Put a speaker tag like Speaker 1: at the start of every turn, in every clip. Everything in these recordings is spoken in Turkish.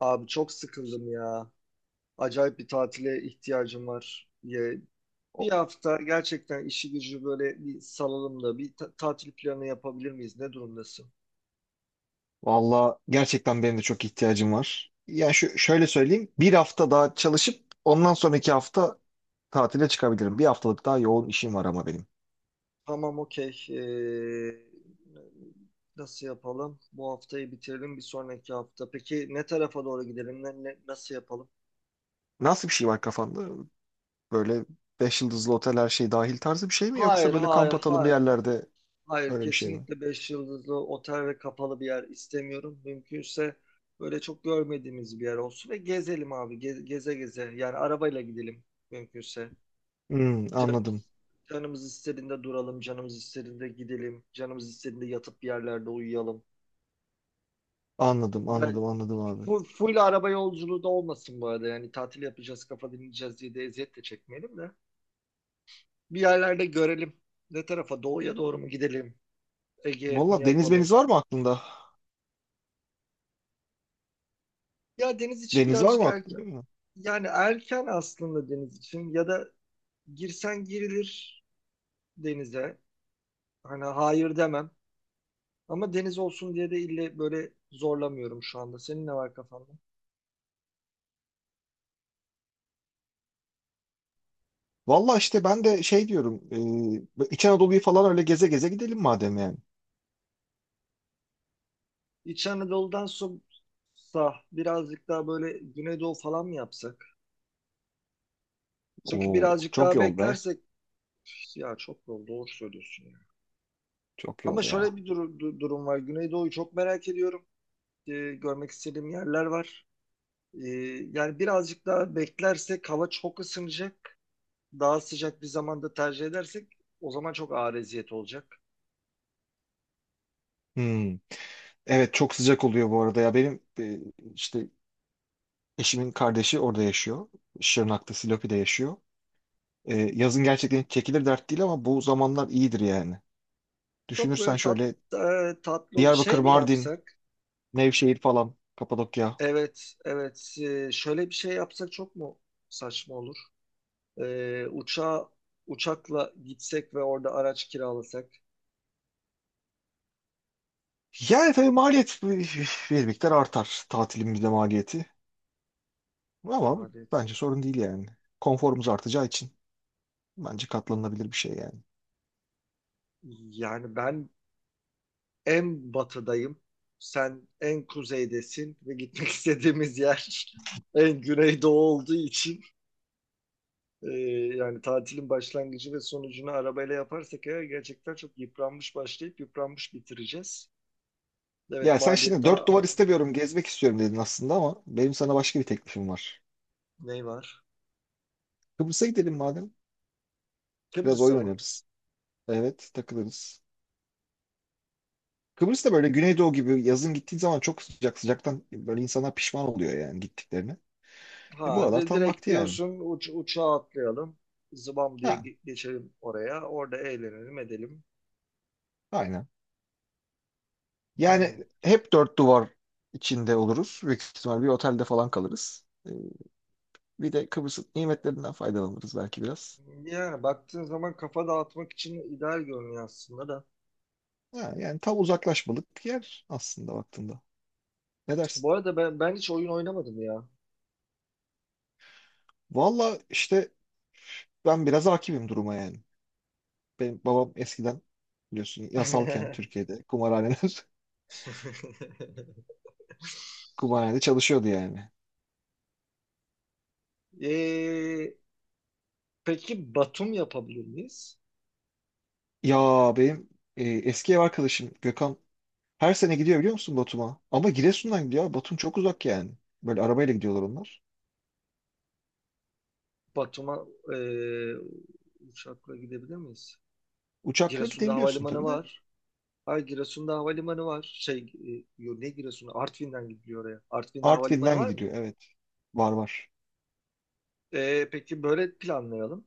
Speaker 1: Abi çok sıkıldım ya. Acayip bir tatile ihtiyacım var. Ya, bir hafta gerçekten işi gücü böyle bir salalım da tatil planı yapabilir miyiz? Ne durumdasın?
Speaker 2: Valla gerçekten benim de çok ihtiyacım var. Yani şöyle söyleyeyim. Bir hafta daha çalışıp ondan sonraki hafta tatile çıkabilirim. Bir haftalık daha yoğun işim var ama benim.
Speaker 1: Tamam okey. Nasıl yapalım? Bu haftayı bitirelim bir sonraki hafta. Peki ne tarafa doğru gidelim? Nasıl yapalım?
Speaker 2: Nasıl bir şey var kafanda? Böyle 5 yıldızlı otel her şey dahil tarzı bir şey mi? Yoksa
Speaker 1: Hayır,
Speaker 2: böyle
Speaker 1: hayır,
Speaker 2: kamp atalım bir
Speaker 1: hayır.
Speaker 2: yerlerde
Speaker 1: Hayır,
Speaker 2: öyle bir şey mi?
Speaker 1: kesinlikle 5 yıldızlı otel ve kapalı bir yer istemiyorum. Mümkünse böyle çok görmediğimiz bir yer olsun ve gezelim abi. Geze geze. Yani arabayla gidelim mümkünse.
Speaker 2: Hmm, anladım.
Speaker 1: Canımız, canımız istediğinde duralım, canımız istediğinde gidelim, canımız istediğinde yatıp bir yerlerde uyuyalım.
Speaker 2: Anladım,
Speaker 1: Yani
Speaker 2: anladım, anladım abi.
Speaker 1: full araba yolculuğu da olmasın bu arada. Yani tatil yapacağız, kafa dinleyeceğiz diye de eziyet de çekmeyelim de. Bir yerlerde görelim. Ne tarafa? Doğuya doğru mu gidelim? Ege mi
Speaker 2: Valla deniz meniz
Speaker 1: yapalım?
Speaker 2: var mı aklında?
Speaker 1: Ya deniz için
Speaker 2: Deniz var
Speaker 1: birazcık
Speaker 2: mı
Speaker 1: er-
Speaker 2: aklında?
Speaker 1: Yani erken aslında deniz için ya da girsen girilir denize. Hani hayır demem. Ama deniz olsun diye de ille böyle zorlamıyorum şu anda. Senin ne var kafanda?
Speaker 2: Valla işte ben de şey diyorum. İç Anadolu'yu falan öyle geze geze gidelim madem yani.
Speaker 1: İç Anadolu'dan sonra birazcık daha böyle Güneydoğu falan mı yapsak? Çünkü
Speaker 2: Oo,
Speaker 1: birazcık
Speaker 2: çok
Speaker 1: daha
Speaker 2: yol be.
Speaker 1: beklersek ya çok doğru söylüyorsun ya.
Speaker 2: Çok yol
Speaker 1: Ama şöyle
Speaker 2: ya.
Speaker 1: bir durum var. Güneydoğu'yu çok merak ediyorum. Görmek istediğim yerler var. Ee, yani birazcık daha beklersek hava çok ısınacak. Daha sıcak bir zamanda tercih edersek o zaman çok ağır eziyet olacak.
Speaker 2: Hmm. Evet çok sıcak oluyor bu arada ya. Benim işte eşimin kardeşi orada yaşıyor. Şırnak'ta, Silopi'de yaşıyor. Yazın gerçekten hiç çekilir dert değil ama bu zamanlar iyidir yani.
Speaker 1: Çok
Speaker 2: Düşünürsen
Speaker 1: böyle tat,
Speaker 2: şöyle
Speaker 1: e, tatlı ol-
Speaker 2: Diyarbakır,
Speaker 1: şey mi
Speaker 2: Mardin,
Speaker 1: yapsak?
Speaker 2: Nevşehir falan, Kapadokya.
Speaker 1: Evet, evet. E, şöyle bir şey yapsak çok mu saçma olur? E, uçakla gitsek ve orada araç kiralasak.
Speaker 2: Yani tabii maliyet bir miktar artar tatilimizde maliyeti. Ama
Speaker 1: Evet.
Speaker 2: bence sorun değil yani. Konforumuz artacağı için bence katlanılabilir bir şey yani.
Speaker 1: Yani ben en batıdayım. Sen en kuzeydesin ve gitmek istediğimiz yer en güneydoğu olduğu için Ee, yani tatilin başlangıcı ve sonucunu arabayla yaparsak eğer gerçekten çok yıpranmış başlayıp yıpranmış bitireceğiz. Evet
Speaker 2: Ya sen şimdi
Speaker 1: maliyette
Speaker 2: dört duvar istemiyorum, gezmek istiyorum dedin aslında ama benim sana başka bir teklifim var.
Speaker 1: ne var?
Speaker 2: Kıbrıs'a gidelim madem. Biraz
Speaker 1: Kıbrıs'a
Speaker 2: oyun
Speaker 1: mı?
Speaker 2: oynarız. Evet, takılırız. Kıbrıs da böyle Güneydoğu gibi yazın gittiğin zaman çok sıcak sıcaktan böyle insanlar pişman oluyor yani gittiklerine. Bu
Speaker 1: Ha
Speaker 2: aralar
Speaker 1: de,
Speaker 2: tam
Speaker 1: direkt
Speaker 2: vakti yani.
Speaker 1: diyorsun uçağa atlayalım. Zıbam diye
Speaker 2: Ha,
Speaker 1: geçelim oraya. Orada eğlenelim edelim.
Speaker 2: aynen. Yani
Speaker 1: Hmm.
Speaker 2: hep dört duvar içinde oluruz. Büyük ihtimal bir otelde falan kalırız. Bir de Kıbrıs'ın nimetlerinden faydalanırız belki biraz.
Speaker 1: Yani baktığın zaman kafa dağıtmak için ideal görünüyor aslında da.
Speaker 2: Ha, yani tam uzaklaşmalık yer aslında baktığında. Ne dersin?
Speaker 1: Bu arada ben hiç oyun oynamadım ya.
Speaker 2: Valla işte ben biraz hakimim duruma yani. Benim babam eskiden biliyorsun yasalken Türkiye'de kumarhaneler kumarhanede çalışıyordu yani.
Speaker 1: Ee, peki Batum yapabilir miyiz?
Speaker 2: Ya benim eski ev arkadaşım Gökhan her sene gidiyor biliyor musun Batum'a? Ama Giresun'dan gidiyor. Abi, Batum çok uzak yani. Böyle arabayla gidiyorlar onlar.
Speaker 1: Batum'a e, uçakla gidebilir miyiz?
Speaker 2: Uçakla
Speaker 1: Giresun'da
Speaker 2: gidebiliyorsun
Speaker 1: havalimanı
Speaker 2: tabii de.
Speaker 1: var. Hayır Giresun'da havalimanı var. Ne Giresun'u? Artvin'den gidiliyor oraya. Artvin'de havalimanı
Speaker 2: Artvin'den
Speaker 1: var mı?
Speaker 2: gidiliyor evet. Var var.
Speaker 1: E, peki böyle planlayalım.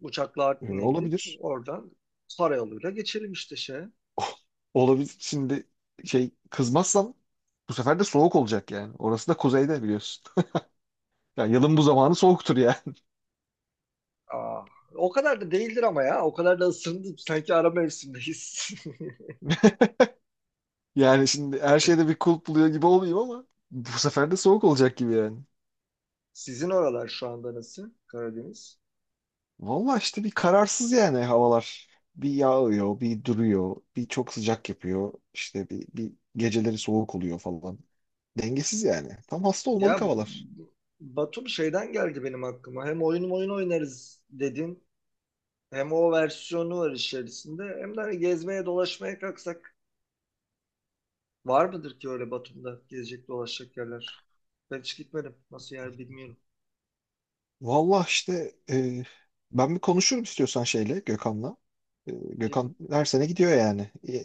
Speaker 1: Uçakla Artvin'e gidip
Speaker 2: Olabilir.
Speaker 1: oradan karayoluyla geçelim işte şey.
Speaker 2: Olabilir. Şimdi şey kızmazsam bu sefer de soğuk olacak yani. Orası da kuzeyde biliyorsun. Yani yılın bu zamanı soğuktur yani.
Speaker 1: Aa, o kadar da değildir ama ya. O kadar da ısındım. Sanki ara mevsimdeyiz.
Speaker 2: Yani şimdi her şeyde bir kulp buluyor gibi olmayayım ama bu sefer de soğuk olacak gibi yani.
Speaker 1: Sizin oralar şu anda nasıl? Karadeniz.
Speaker 2: Valla işte bir kararsız yani havalar. Bir yağıyor, bir duruyor, bir çok sıcak yapıyor. İşte bir geceleri soğuk oluyor falan. Dengesiz yani. Tam hasta olmalık
Speaker 1: Ya
Speaker 2: havalar.
Speaker 1: Batum şeyden geldi benim aklıma. Hem oyun oynarız dedin. Hem o versiyonu var içerisinde. Hem de hani gezmeye dolaşmaya kalksak var mıdır ki öyle Batum'da gezecek dolaşacak yerler? Ben hiç gitmedim. Nasıl yer bilmiyorum.
Speaker 2: Valla işte ben bir konuşurum istiyorsan şeyle Gökhan'la.
Speaker 1: Ya bir-
Speaker 2: Gökhan her sene gidiyor yani.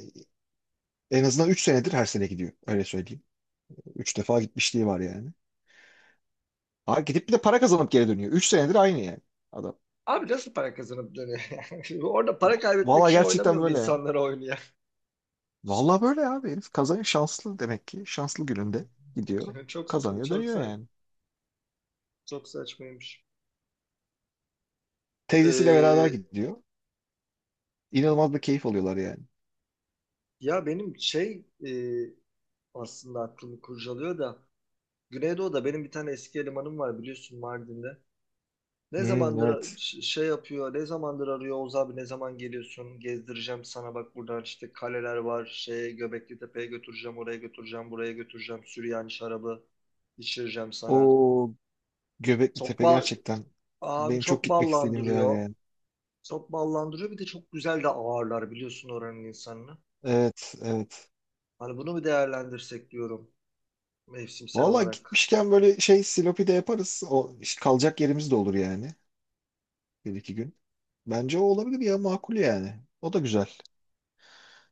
Speaker 2: En azından 3 senedir her sene gidiyor. Öyle söyleyeyim. 3 defa gitmişliği var yani. Ha, gidip bir de para kazanıp geri dönüyor. 3 senedir aynı yani adam.
Speaker 1: Abi nasıl para kazanıp dönüyor? Orada para kaybetmek
Speaker 2: Valla
Speaker 1: için oynamıyor
Speaker 2: gerçekten
Speaker 1: mu
Speaker 2: böyle ya.
Speaker 1: insanlar oyunu ya?
Speaker 2: Valla böyle abi herif kazanıyor şanslı demek ki. Şanslı gününde gidiyor.
Speaker 1: Çok saçma,
Speaker 2: Kazanıyor
Speaker 1: çok
Speaker 2: dönüyor
Speaker 1: saçma,
Speaker 2: yani.
Speaker 1: çok saçmaymış.
Speaker 2: Teyzesiyle beraber
Speaker 1: Ee,
Speaker 2: gidiyor. İnanılmaz bir keyif alıyorlar yani.
Speaker 1: ya benim şey e, aslında aklımı kurcalıyor da Güneydoğu'da benim bir tane eski elemanım var biliyorsun Mardin'de.
Speaker 2: Hmm, evet.
Speaker 1: Şey yapıyor, ne zamandır arıyor Oğuz abi ne zaman geliyorsun gezdireceğim sana bak buradan işte kaleler var, şey Göbekli Tepe'ye götüreceğim, oraya götüreceğim, buraya götüreceğim, Süryani şarabı içireceğim sana.
Speaker 2: O Göbekli
Speaker 1: Çok
Speaker 2: Tepe
Speaker 1: bal,
Speaker 2: gerçekten
Speaker 1: abi
Speaker 2: benim çok
Speaker 1: çok
Speaker 2: gitmek istediğim bir yer
Speaker 1: ballandırıyor.
Speaker 2: yani.
Speaker 1: Çok ballandırıyor bir de çok güzel de ağırlar biliyorsun oranın insanını.
Speaker 2: Evet evet.
Speaker 1: Hani bunu bir değerlendirsek diyorum mevsimsel
Speaker 2: Valla
Speaker 1: olarak.
Speaker 2: gitmişken böyle şey Silopi de yaparız. O işte kalacak yerimiz de olur yani. Bir iki gün. Bence o olabilir ya makul yani. O da güzel.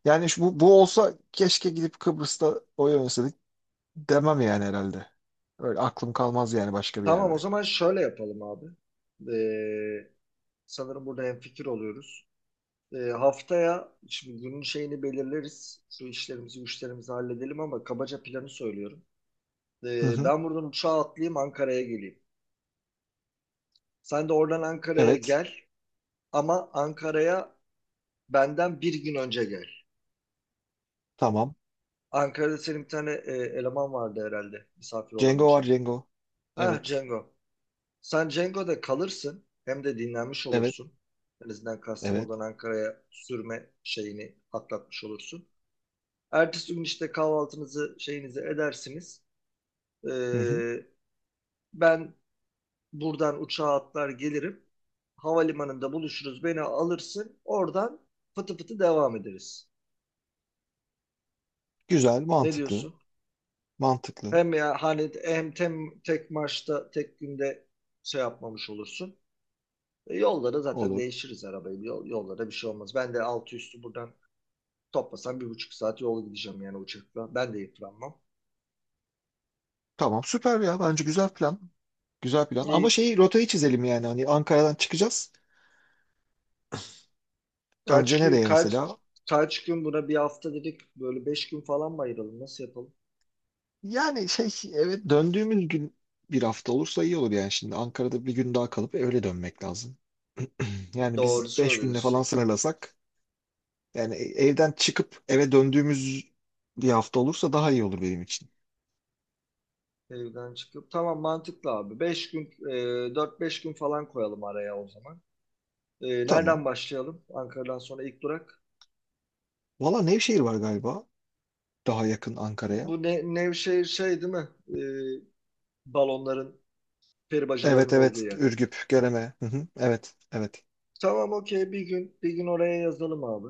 Speaker 2: Yani şu, bu olsa keşke gidip Kıbrıs'ta oy oynasaydık demem yani herhalde. Öyle aklım kalmaz yani başka bir
Speaker 1: Tamam o
Speaker 2: yerde.
Speaker 1: zaman şöyle yapalım abi. Ee, Sanırım burada hemfikir oluyoruz. Haftaya şimdi günün şeyini belirleriz. Şu işlerimizi, güçlerimizi halledelim ama kabaca planı söylüyorum.
Speaker 2: Hı hı.
Speaker 1: Ben buradan uçağa atlayayım Ankara'ya geleyim. Sen de oradan Ankara'ya
Speaker 2: Evet.
Speaker 1: gel ama Ankara'ya benden bir gün önce gel.
Speaker 2: Tamam.
Speaker 1: Ankara'da senin bir tane eleman vardı herhalde misafir
Speaker 2: Cengo var
Speaker 1: olabileceğin.
Speaker 2: Cengo.
Speaker 1: Ha
Speaker 2: Evet.
Speaker 1: Cengo. Sen Cengo'da kalırsın hem de dinlenmiş
Speaker 2: Evet.
Speaker 1: olursun. En azından
Speaker 2: Evet.
Speaker 1: Kastamonu'dan Ankara'ya sürme şeyini atlatmış olursun. Ertesi gün işte kahvaltınızı şeyinizi edersiniz.
Speaker 2: Hı hı.
Speaker 1: Ee, ben buradan uçağa atlar gelirim. Havalimanında buluşuruz. Beni alırsın. Oradan fıtı fıtı devam ederiz.
Speaker 2: Güzel.
Speaker 1: Ne
Speaker 2: Mantıklı.
Speaker 1: diyorsun?
Speaker 2: Mantıklı.
Speaker 1: Hem ya hani tek maçta tek günde şey yapmamış olursun. E, yolda zaten
Speaker 2: Olur.
Speaker 1: değişiriz arabayı. Yollara bir şey olmaz. Ben de altı üstü buradan toplasam bir buçuk saat yol gideceğim yani uçakla. Ben de yıpranmam.
Speaker 2: Tamam. Süper ya. Bence güzel plan. Güzel plan. Ama
Speaker 1: E,
Speaker 2: rotayı çizelim yani. Hani Ankara'dan çıkacağız.
Speaker 1: Kaç
Speaker 2: Önce
Speaker 1: gün
Speaker 2: nereye
Speaker 1: kaç
Speaker 2: mesela?
Speaker 1: kaç gün buna bir hafta dedik böyle beş gün falan mı ayıralım nasıl yapalım?
Speaker 2: Yani şey evet döndüğümüz gün bir hafta olursa iyi olur yani şimdi Ankara'da bir gün daha kalıp öyle dönmek lazım. Yani
Speaker 1: Doğru
Speaker 2: biz 5 günde falan
Speaker 1: söylüyorsun.
Speaker 2: sınırlasak yani evden çıkıp eve döndüğümüz bir hafta olursa daha iyi olur benim için.
Speaker 1: Evden çıkıp tamam mantıklı abi. Dört beş gün falan koyalım araya o zaman. E,
Speaker 2: Tamam.
Speaker 1: nereden başlayalım? Ankara'dan sonra ilk durak.
Speaker 2: Valla Nevşehir var galiba daha yakın Ankara'ya.
Speaker 1: Nevşehir şey değil mi? E, balonların peri
Speaker 2: Evet
Speaker 1: bacalarının olduğu
Speaker 2: evet
Speaker 1: yer.
Speaker 2: Ürgüp, Göreme. Hı hı, evet evet
Speaker 1: Tamam okey bir gün oraya yazalım abi.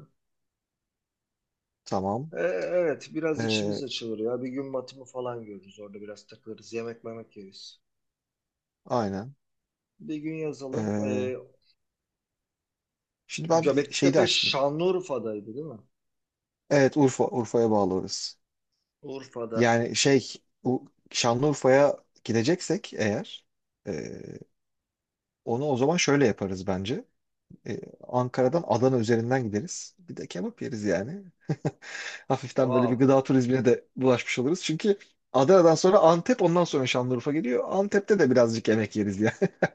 Speaker 2: tamam.
Speaker 1: E, evet biraz
Speaker 2: Ee,
Speaker 1: içimiz açılır ya. Bir gün batımı falan görürüz orada biraz takılırız yemek yeriz.
Speaker 2: aynen.
Speaker 1: Bir gün yazalım.
Speaker 2: Ee, Şimdi ben bir şey de
Speaker 1: Göbektepe
Speaker 2: açtım.
Speaker 1: Şanlıurfa'daydı değil mi?
Speaker 2: Evet Urfa, Urfa'ya bağlı orası.
Speaker 1: Urfa'da.
Speaker 2: Yani şey bu Şanlıurfa'ya gideceksek eğer e, onu o zaman şöyle yaparız bence. E, Ankara'dan Adana üzerinden gideriz. Bir de kebap yeriz yani. Hafiften böyle
Speaker 1: Aa,
Speaker 2: bir gıda turizmine de bulaşmış oluruz. Çünkü Adana'dan sonra Antep ondan sonra Şanlıurfa geliyor. Antep'te de birazcık yemek yeriz yani.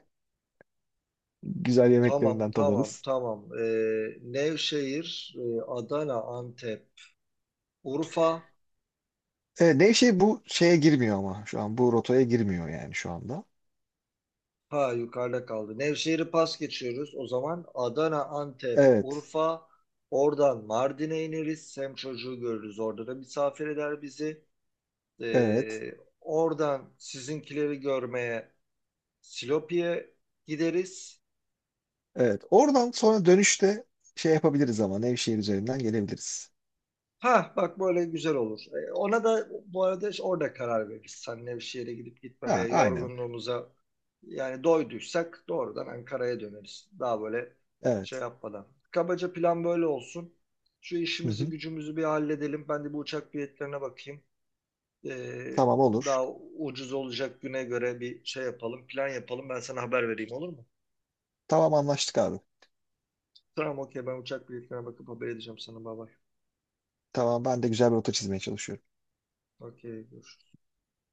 Speaker 2: Güzel
Speaker 1: tamam,
Speaker 2: yemeklerinden
Speaker 1: tamam,
Speaker 2: tadarız.
Speaker 1: tamam. Nevşehir, e, Adana, Antep, Urfa.
Speaker 2: Nevşehir bu şeye girmiyor ama şu an bu rotaya girmiyor yani şu anda.
Speaker 1: Ha yukarıda kaldı. Nevşehir'i pas geçiyoruz. O zaman Adana, Antep,
Speaker 2: Evet.
Speaker 1: Urfa. Oradan Mardin'e ineriz. Sem çocuğu görürüz. Orada da misafir eder bizi.
Speaker 2: Evet.
Speaker 1: Ee, oradan sizinkileri görmeye Silopi'ye gideriz.
Speaker 2: Evet. Oradan sonra dönüşte şey yapabiliriz ama Nevşehir üzerinden gelebiliriz.
Speaker 1: Ha bak böyle güzel olur. E, ona da bu arada işte orada karar veririz. Seninle bir şehre gidip
Speaker 2: Ha,
Speaker 1: gitmemeye,
Speaker 2: aynen.
Speaker 1: yorgunluğumuza yani doyduysak doğrudan Ankara'ya döneriz. Daha böyle şey
Speaker 2: Evet.
Speaker 1: yapmadan. Kabaca plan böyle olsun. Şu
Speaker 2: Hı
Speaker 1: işimizi
Speaker 2: hı.
Speaker 1: gücümüzü bir halledelim. Ben de bu uçak biletlerine bakayım. E,
Speaker 2: Tamam olur.
Speaker 1: daha ucuz olacak güne göre bir şey yapalım, plan yapalım. Ben sana haber vereyim olur mu?
Speaker 2: Tamam anlaştık abi.
Speaker 1: Tamam okey ben uçak biletlerine bakıp haber edeceğim sana. Bay bay.
Speaker 2: Tamam ben de güzel bir rota çizmeye çalışıyorum.
Speaker 1: Okey görüşürüz.